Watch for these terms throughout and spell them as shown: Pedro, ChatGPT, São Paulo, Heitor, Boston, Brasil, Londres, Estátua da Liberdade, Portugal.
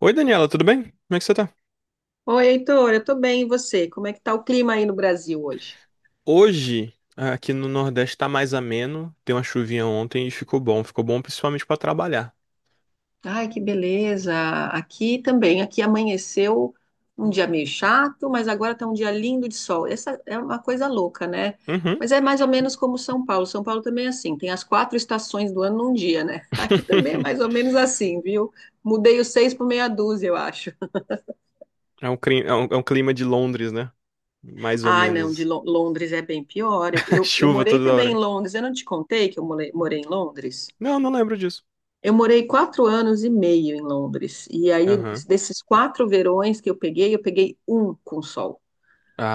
Oi, Daniela, tudo bem? Como é que você tá? Oi, Heitor, eu tô bem, e você? Como é que tá o clima aí no Brasil hoje? Hoje, aqui no Nordeste, tá mais ameno. Deu uma chuvinha ontem e ficou bom. Ficou bom principalmente pra trabalhar. Ai, que beleza! Aqui também, aqui amanheceu um dia meio chato, mas agora tá um dia lindo de sol. Essa é uma coisa louca, né? Uhum. Mas é mais ou menos como São Paulo. São Paulo também é assim, tem as quatro estações do ano num dia, né? Aqui também é mais ou menos assim, viu? Mudei os seis por meia dúzia, eu acho. É um clima de Londres, né? Mais ou Ah, não, de menos. Londres é bem pior. Eu, eu, eu Chuva morei toda também em hora. Londres. Eu não te contei que eu morei em Londres? Não, não lembro disso. Eu morei 4 anos e meio em Londres. E aí, Aham. desses quatro verões que eu peguei um com sol.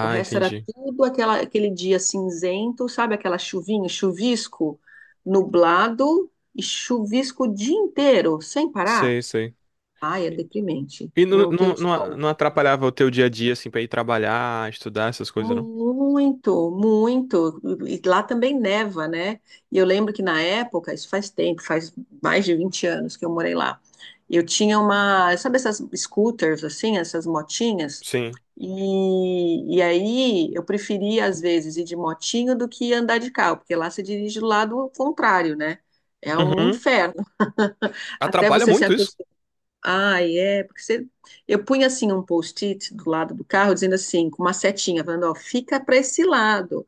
O resto era entendi. tudo aquele dia cinzento, sabe? Aquela chuvinha, chuvisco, nublado e chuvisco o dia inteiro, sem parar. Sei, sei. Ai, é E deprimente e não, não ter o não, não a- sol. não atrapalhava o teu dia a dia, assim, pra ir trabalhar, estudar, essas coisas, não? Muito, muito. E lá também neva, né? E eu lembro que na época, isso faz tempo, faz mais de 20 anos que eu morei lá. Eu tinha uma, sabe essas scooters assim, essas motinhas? Sim. E aí eu preferia às vezes ir de motinho do que andar de carro, porque lá você dirige do lado contrário, né? É um Uhum. inferno. Até Atrapalha você se muito isso. acostumar. Ah, é, eu punha assim um post-it do lado do carro, dizendo assim, com uma setinha, falando, ó, fica para esse lado,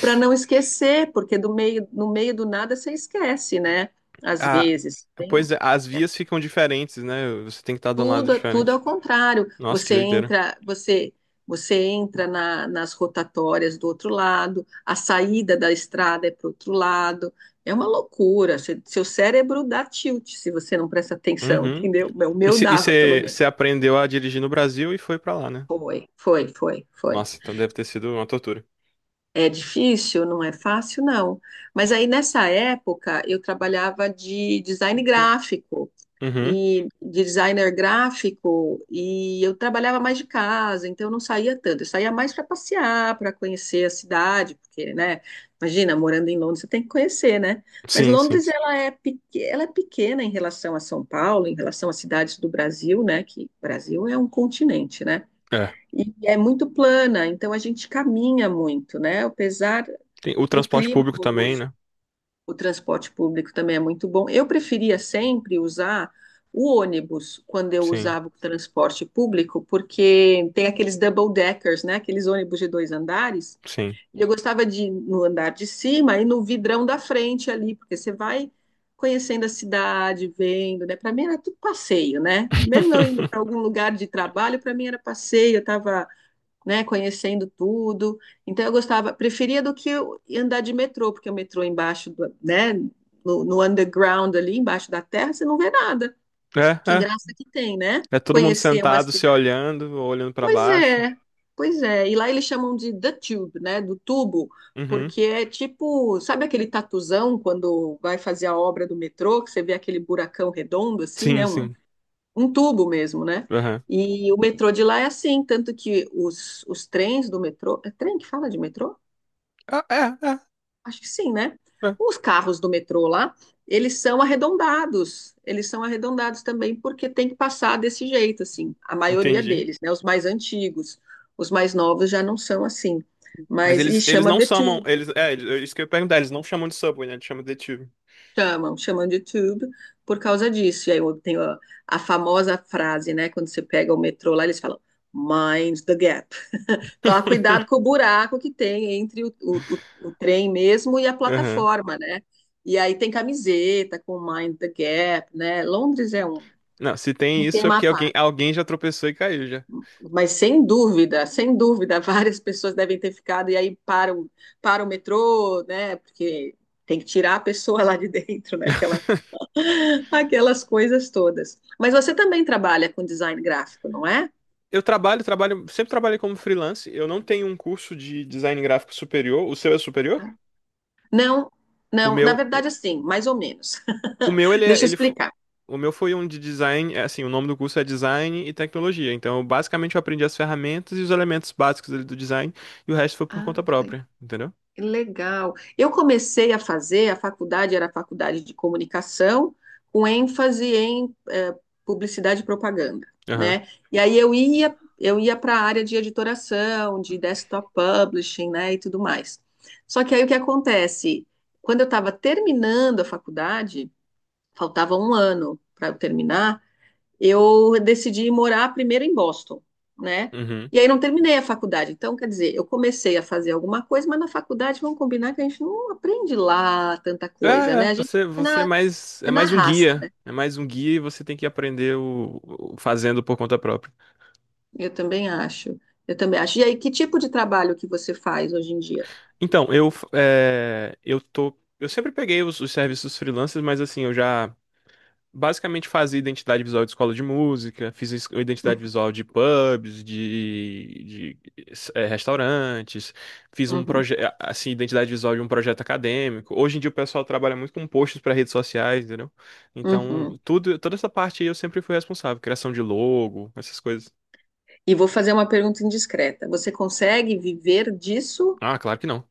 para não esquecer, porque do meio, no meio do nada você esquece, né? Às Ah, vezes, pois é, as é vias ficam diferentes, né? Você tem que estar de um lado tudo, tudo diferente. ao contrário. Nossa, que Você doideira. entra, você entra nas rotatórias do outro lado, a saída da estrada é para o outro lado. É uma loucura. Seu cérebro dá tilt se você não presta atenção, Uhum. entendeu? O E meu dava, pelo menos. você aprendeu a dirigir no Brasil e foi pra lá, né? Foi, foi, foi, foi. Nossa, então deve ter sido uma tortura. É difícil, não é fácil, não. Mas aí nessa época eu trabalhava de design gráfico Uhum. e designer gráfico e eu trabalhava mais de casa, então eu não saía tanto. Eu saía mais para passear, para conhecer a cidade, porque, né? Imagina, morando em Londres, você tem que conhecer, né? Mas Sim, sim. Londres ela é pequena em relação a São Paulo, em relação às cidades do Brasil, né? Que o Brasil é um continente, né? É. E é muito plana, então a gente caminha muito, né? Apesar Tem o do transporte clima público também, horroroso, né? o transporte público também é muito bom. Eu preferia sempre usar o ônibus quando eu Sim, usava o transporte público, porque tem aqueles double deckers, né? Aqueles ônibus de dois andares. sim. E eu gostava de ir no andar de cima e no vidrão da frente ali, porque você vai conhecendo a cidade, vendo, né? Para mim era tudo passeio, né? Mesmo eu indo para algum lugar de trabalho, para mim era passeio, eu estava né, conhecendo tudo. Então eu gostava, preferia do que eu andar de metrô, porque o metrô embaixo, né, no underground ali, embaixo da terra, você não vê nada. É, Que é. graça que tem, né? É todo mundo Conhecer uma sentado, se cidade. olhando, ou olhando pra Pois baixo. é, pois é. E lá eles chamam de the tube, né, do tubo, Uhum. porque é tipo, sabe aquele tatuzão quando vai fazer a obra do metrô, que você vê aquele buracão redondo assim, Sim, né, um sim. um tubo mesmo, né? Aham. E o metrô de lá é assim, tanto que os trens do metrô, é trem que fala de metrô? Ah, é, Acho que sim, né? é, é. Os carros do metrô lá, eles são arredondados também porque tem que passar desse jeito, assim, a maioria Entendi. deles, né? Os mais antigos, os mais novos já não são assim, Mas mas, e eles chama não The chamam. Tube, É isso que eu ia perguntar, eles não chamam de Subway, né? Eles chamam de detetive. chamam de Tube por causa disso, e aí eu tenho a famosa frase, né, quando você pega o metrô lá, eles falam, Mind the gap. Tomar cuidado com o buraco que tem entre o trem mesmo e a Aham. plataforma, né? E aí tem camiseta com Mind the Gap, né? Londres é um, Não, se um tem isso é tema à porque alguém, parte. alguém já tropeçou e caiu já. Mas sem dúvida, sem dúvida, várias pessoas devem ter ficado e aí para o metrô, né? Porque tem que tirar a pessoa lá de dentro, né? Aquela, aquelas coisas todas. Mas você também trabalha com design gráfico, não é? Eu trabalho, trabalho, sempre trabalhei como freelance. Eu não tenho um curso de design gráfico superior. O seu é superior? Não, O não, meu, na o, verdade, assim, mais ou menos. o meu ele é, Deixa eu ele, fo- explicar. O meu foi um de design, é assim, o nome do curso é design e tecnologia. Então, eu, basicamente eu aprendi as ferramentas e os elementos básicos ali do design e o resto foi por Ah, conta que legal. própria, entendeu? Legal. Eu comecei a fazer, a faculdade era a faculdade de comunicação, com ênfase em publicidade e propaganda, Aham. né? E aí eu ia para a área de editoração, de desktop publishing, né, e tudo mais. Só que aí o que acontece? Quando eu estava terminando a faculdade, faltava um ano para eu terminar, eu decidi morar primeiro em Boston, né? Uhum. E aí não terminei a faculdade. Então, quer dizer, eu comecei a fazer alguma coisa, mas na faculdade vamos combinar que a gente não aprende lá tanta É, coisa, é, né? A gente você, você é é na mais um raça, guia. né? É mais um guia e você tem que aprender fazendo por conta própria. Eu também acho. Eu também acho. E aí, que tipo de trabalho que você faz hoje em dia? Então, eu, é, eu tô, eu sempre peguei os serviços freelancers, mas assim, eu já basicamente fazia identidade visual de escola de música, identidade visual de pubs, de restaurantes, fiz um Uhum, projeto, assim, identidade visual de um projeto acadêmico. Hoje em dia o pessoal trabalha muito com posts para redes sociais, entendeu? Então, uhum. tudo, toda essa parte aí eu sempre fui responsável, criação de logo, essas coisas. E vou fazer uma pergunta indiscreta. Você consegue viver disso? Ah, claro que não.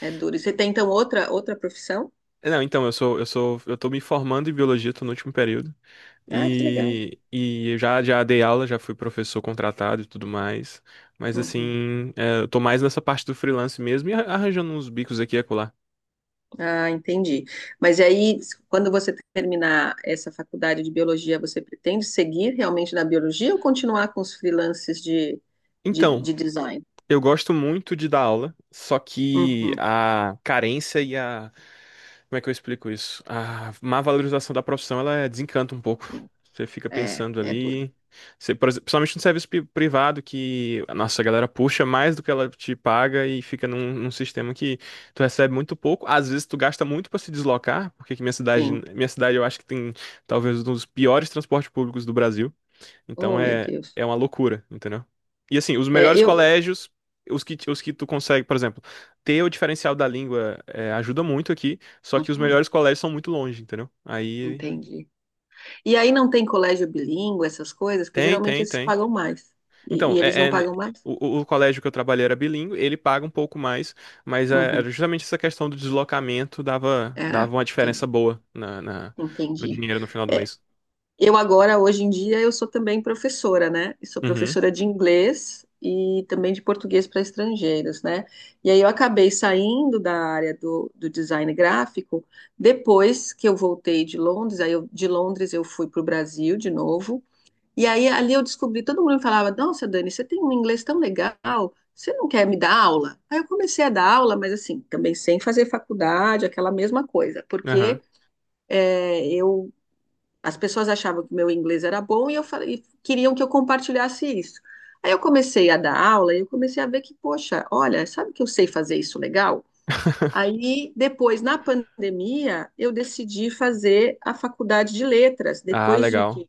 É, é duro. E você tem então outra profissão? É, não, então, eu tô me formando em biologia, tô no último período. Ah, que legal. E eu já, já dei aula, já fui professor contratado e tudo mais. Mas Uhum. assim, é, eu tô mais nessa parte do freelance mesmo e arranjando uns bicos aqui e acolá. Ah, entendi. Mas e aí, quando você terminar essa faculdade de biologia, você pretende seguir realmente na biologia ou continuar com os freelances de, de, Então, de design? eu gosto muito de dar aula, só que Uhum. a carência e a... Como é que eu explico isso? A má valorização da profissão, ela é- desencanta um pouco. Você fica É, pensando é duro. ali. Você, por exemplo, principalmente no serviço privado, que a nossa galera puxa mais do que ela te paga e fica num sistema que tu recebe muito pouco. Às vezes tu gasta muito para se deslocar, porque aqui Sim. minha cidade eu acho que tem talvez um dos piores transportes públicos do Brasil. Então Oh, meu é, Deus. é uma loucura, entendeu? E assim, os É, melhores eu. colégios, os que tu consegue, por exemplo, ter o diferencial da língua é, ajuda muito aqui, só que os Uhum, melhores colégios são muito longe, entendeu? Aí entendi. E aí não tem colégio bilíngue, essas coisas, porque tem, geralmente tem, eles tem. pagam mais. E, Então, e eles não pagam mais? o, o colégio que eu trabalhei era bilíngue, ele paga um pouco mais, mas é, era Uhum. justamente essa questão do deslocamento dava, Era, dava uma diferença entendi. boa no Entendi. dinheiro no final do mês. Eu agora, hoje em dia, eu sou também professora, né? Eu sou Uhum, professora de inglês e também de português para estrangeiros, né? E aí eu acabei saindo da área do design gráfico depois que eu voltei de Londres. De Londres eu fui para o Brasil de novo. E aí ali eu descobri, todo mundo me falava, nossa, Dani, você tem um inglês tão legal, você não quer me dar aula? Aí eu comecei a dar aula, mas assim, também sem fazer faculdade, aquela mesma coisa, aham. porque é, eu as pessoas achavam que meu inglês era bom e queriam que eu compartilhasse isso. Aí eu comecei a dar aula e eu comecei a ver que, poxa, olha, sabe que eu sei fazer isso legal? Aí, depois, na pandemia, eu decidi fazer a faculdade de letras, Ah, depois de legal. que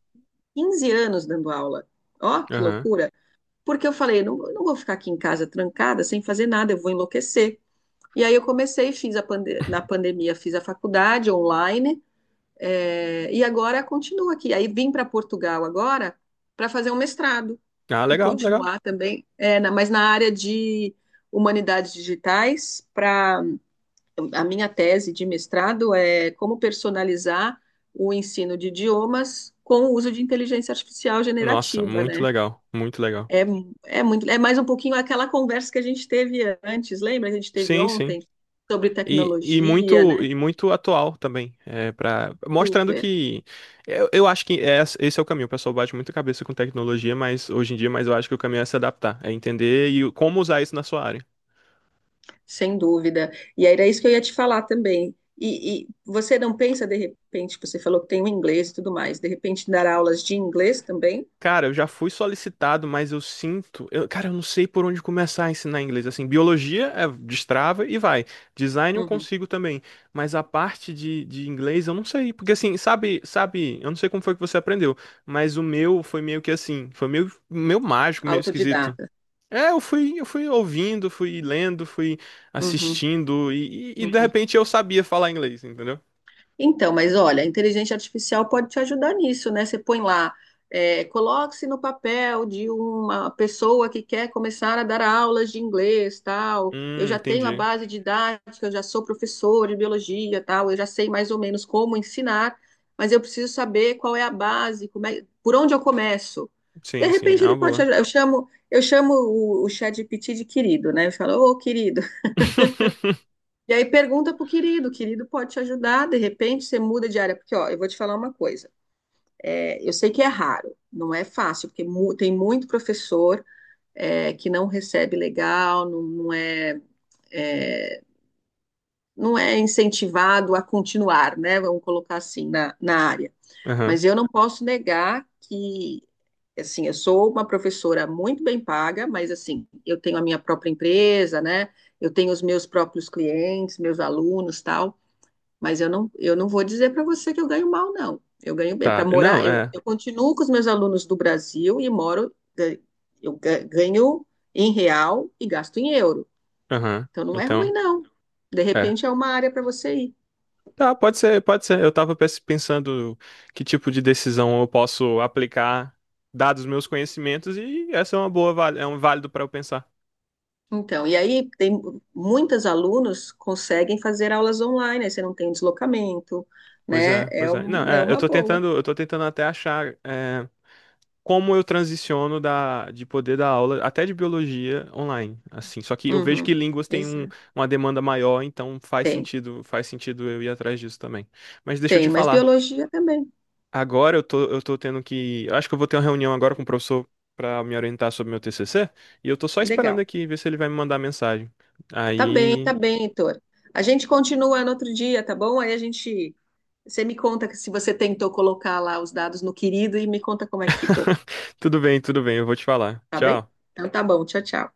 15 anos dando aula. Ó, que Aham. loucura! Porque eu falei, não, eu não vou ficar aqui em casa trancada, sem fazer nada, eu vou enlouquecer. E aí eu comecei, fiz a na pandemia, fiz a faculdade online, e agora continua aqui. Aí vim para Portugal agora para fazer um mestrado Ah, e legal, legal. continuar também, mas na área de humanidades digitais, para a minha tese de mestrado é como personalizar o ensino de idiomas com o uso de inteligência artificial Nossa, generativa, muito né? legal, muito legal. É, é muito, é mais um pouquinho aquela conversa que a gente teve antes, lembra? A gente teve Sim, sim. ontem sobre E tecnologia, muito né? e muito atual também, é para mostrando Super. que eu acho que esse é o caminho. O pessoal bate muita cabeça com tecnologia, mas hoje em dia, mas eu acho que o caminho é se adaptar, é entender e como usar isso na sua área. Sem dúvida. E era isso que eu ia te falar também. E você não pensa, de repente, você falou que tem o inglês e tudo mais, de repente dar aulas de inglês também? Cara, eu já fui solicitado, mas eu sinto. Cara, eu não sei por onde começar a ensinar inglês. Assim, biologia é destrava e vai. Design eu Uhum. consigo também. Mas a parte de inglês eu não sei. Porque assim, sabe, eu não sei como foi que você aprendeu, mas o meu foi meio que assim, foi meio, meio mágico, meio esquisito. Autodidata. É, eu fui ouvindo, fui lendo, fui Uhum. assistindo, e de Uhum. repente eu sabia falar inglês, entendeu? Então, mas olha, a inteligência artificial pode te ajudar nisso, né? Você põe lá, coloque-se no papel de uma pessoa que quer começar a dar aulas de inglês, tal. Eu já tenho a Entendi. base didática, eu já sou professor de biologia, tal. Eu já sei mais ou menos como ensinar, mas eu preciso saber qual é a base, por onde eu começo. De Sim, sim, é repente ele uma pode te boa. ajudar. Eu chamo o ChatGPT de querido, né? Eu falo, ô, querido. E aí pergunta pro querido, o querido pode te ajudar, de repente você muda de área, porque ó, eu vou te falar uma coisa, eu sei que é raro, não é fácil, porque tem muito professor que não recebe legal, não, não é, é, não é incentivado a continuar, né? Vamos colocar assim na área. Aham. Mas eu não posso negar que assim, eu sou uma professora muito bem paga, mas assim, eu tenho a minha própria empresa, né? Eu tenho os meus próprios clientes, meus alunos, tal. Mas eu não vou dizer para você que eu ganho mal, não. Eu ganho bem. Para Tá. morar, Não, eu, é. eu continuo com os meus alunos do Brasil e moro, ganho em real e gasto em euro. Aham. Então não é ruim, Então, não. De é. repente é uma área para você ir. Tá, pode ser, pode ser. Eu tava pensando que tipo de decisão eu posso aplicar, dados meus conhecimentos, e essa é uma boa, é um válido para eu pensar. Então, e aí tem muitas alunos conseguem fazer aulas online, aí você não tem deslocamento, Pois né? é, É, pois é. Não, é, eu uma tô boa. tentando, eu tô tentando até achar é, como eu transiciono de poder dar aula, até de biologia online, assim. Só que eu vejo que Uhum. línguas têm Exato. uma demanda maior, então Tem, faz sentido eu ir atrás disso também. Mas deixa eu tem, te mas falar. biologia também. Agora eu tô tendo que. Eu Acho que eu vou ter uma reunião agora com o professor pra me orientar sobre meu TCC. E eu tô só esperando Legal. aqui ver se ele vai me mandar mensagem. Aí. Tá bem, Heitor. A gente continua no outro dia, tá bom? Aí a gente. Você me conta que se você tentou colocar lá os dados no querido e me conta como é que ficou, tudo bem, eu vou te falar. tá bem? Tchau. Então tá bom, tchau, tchau.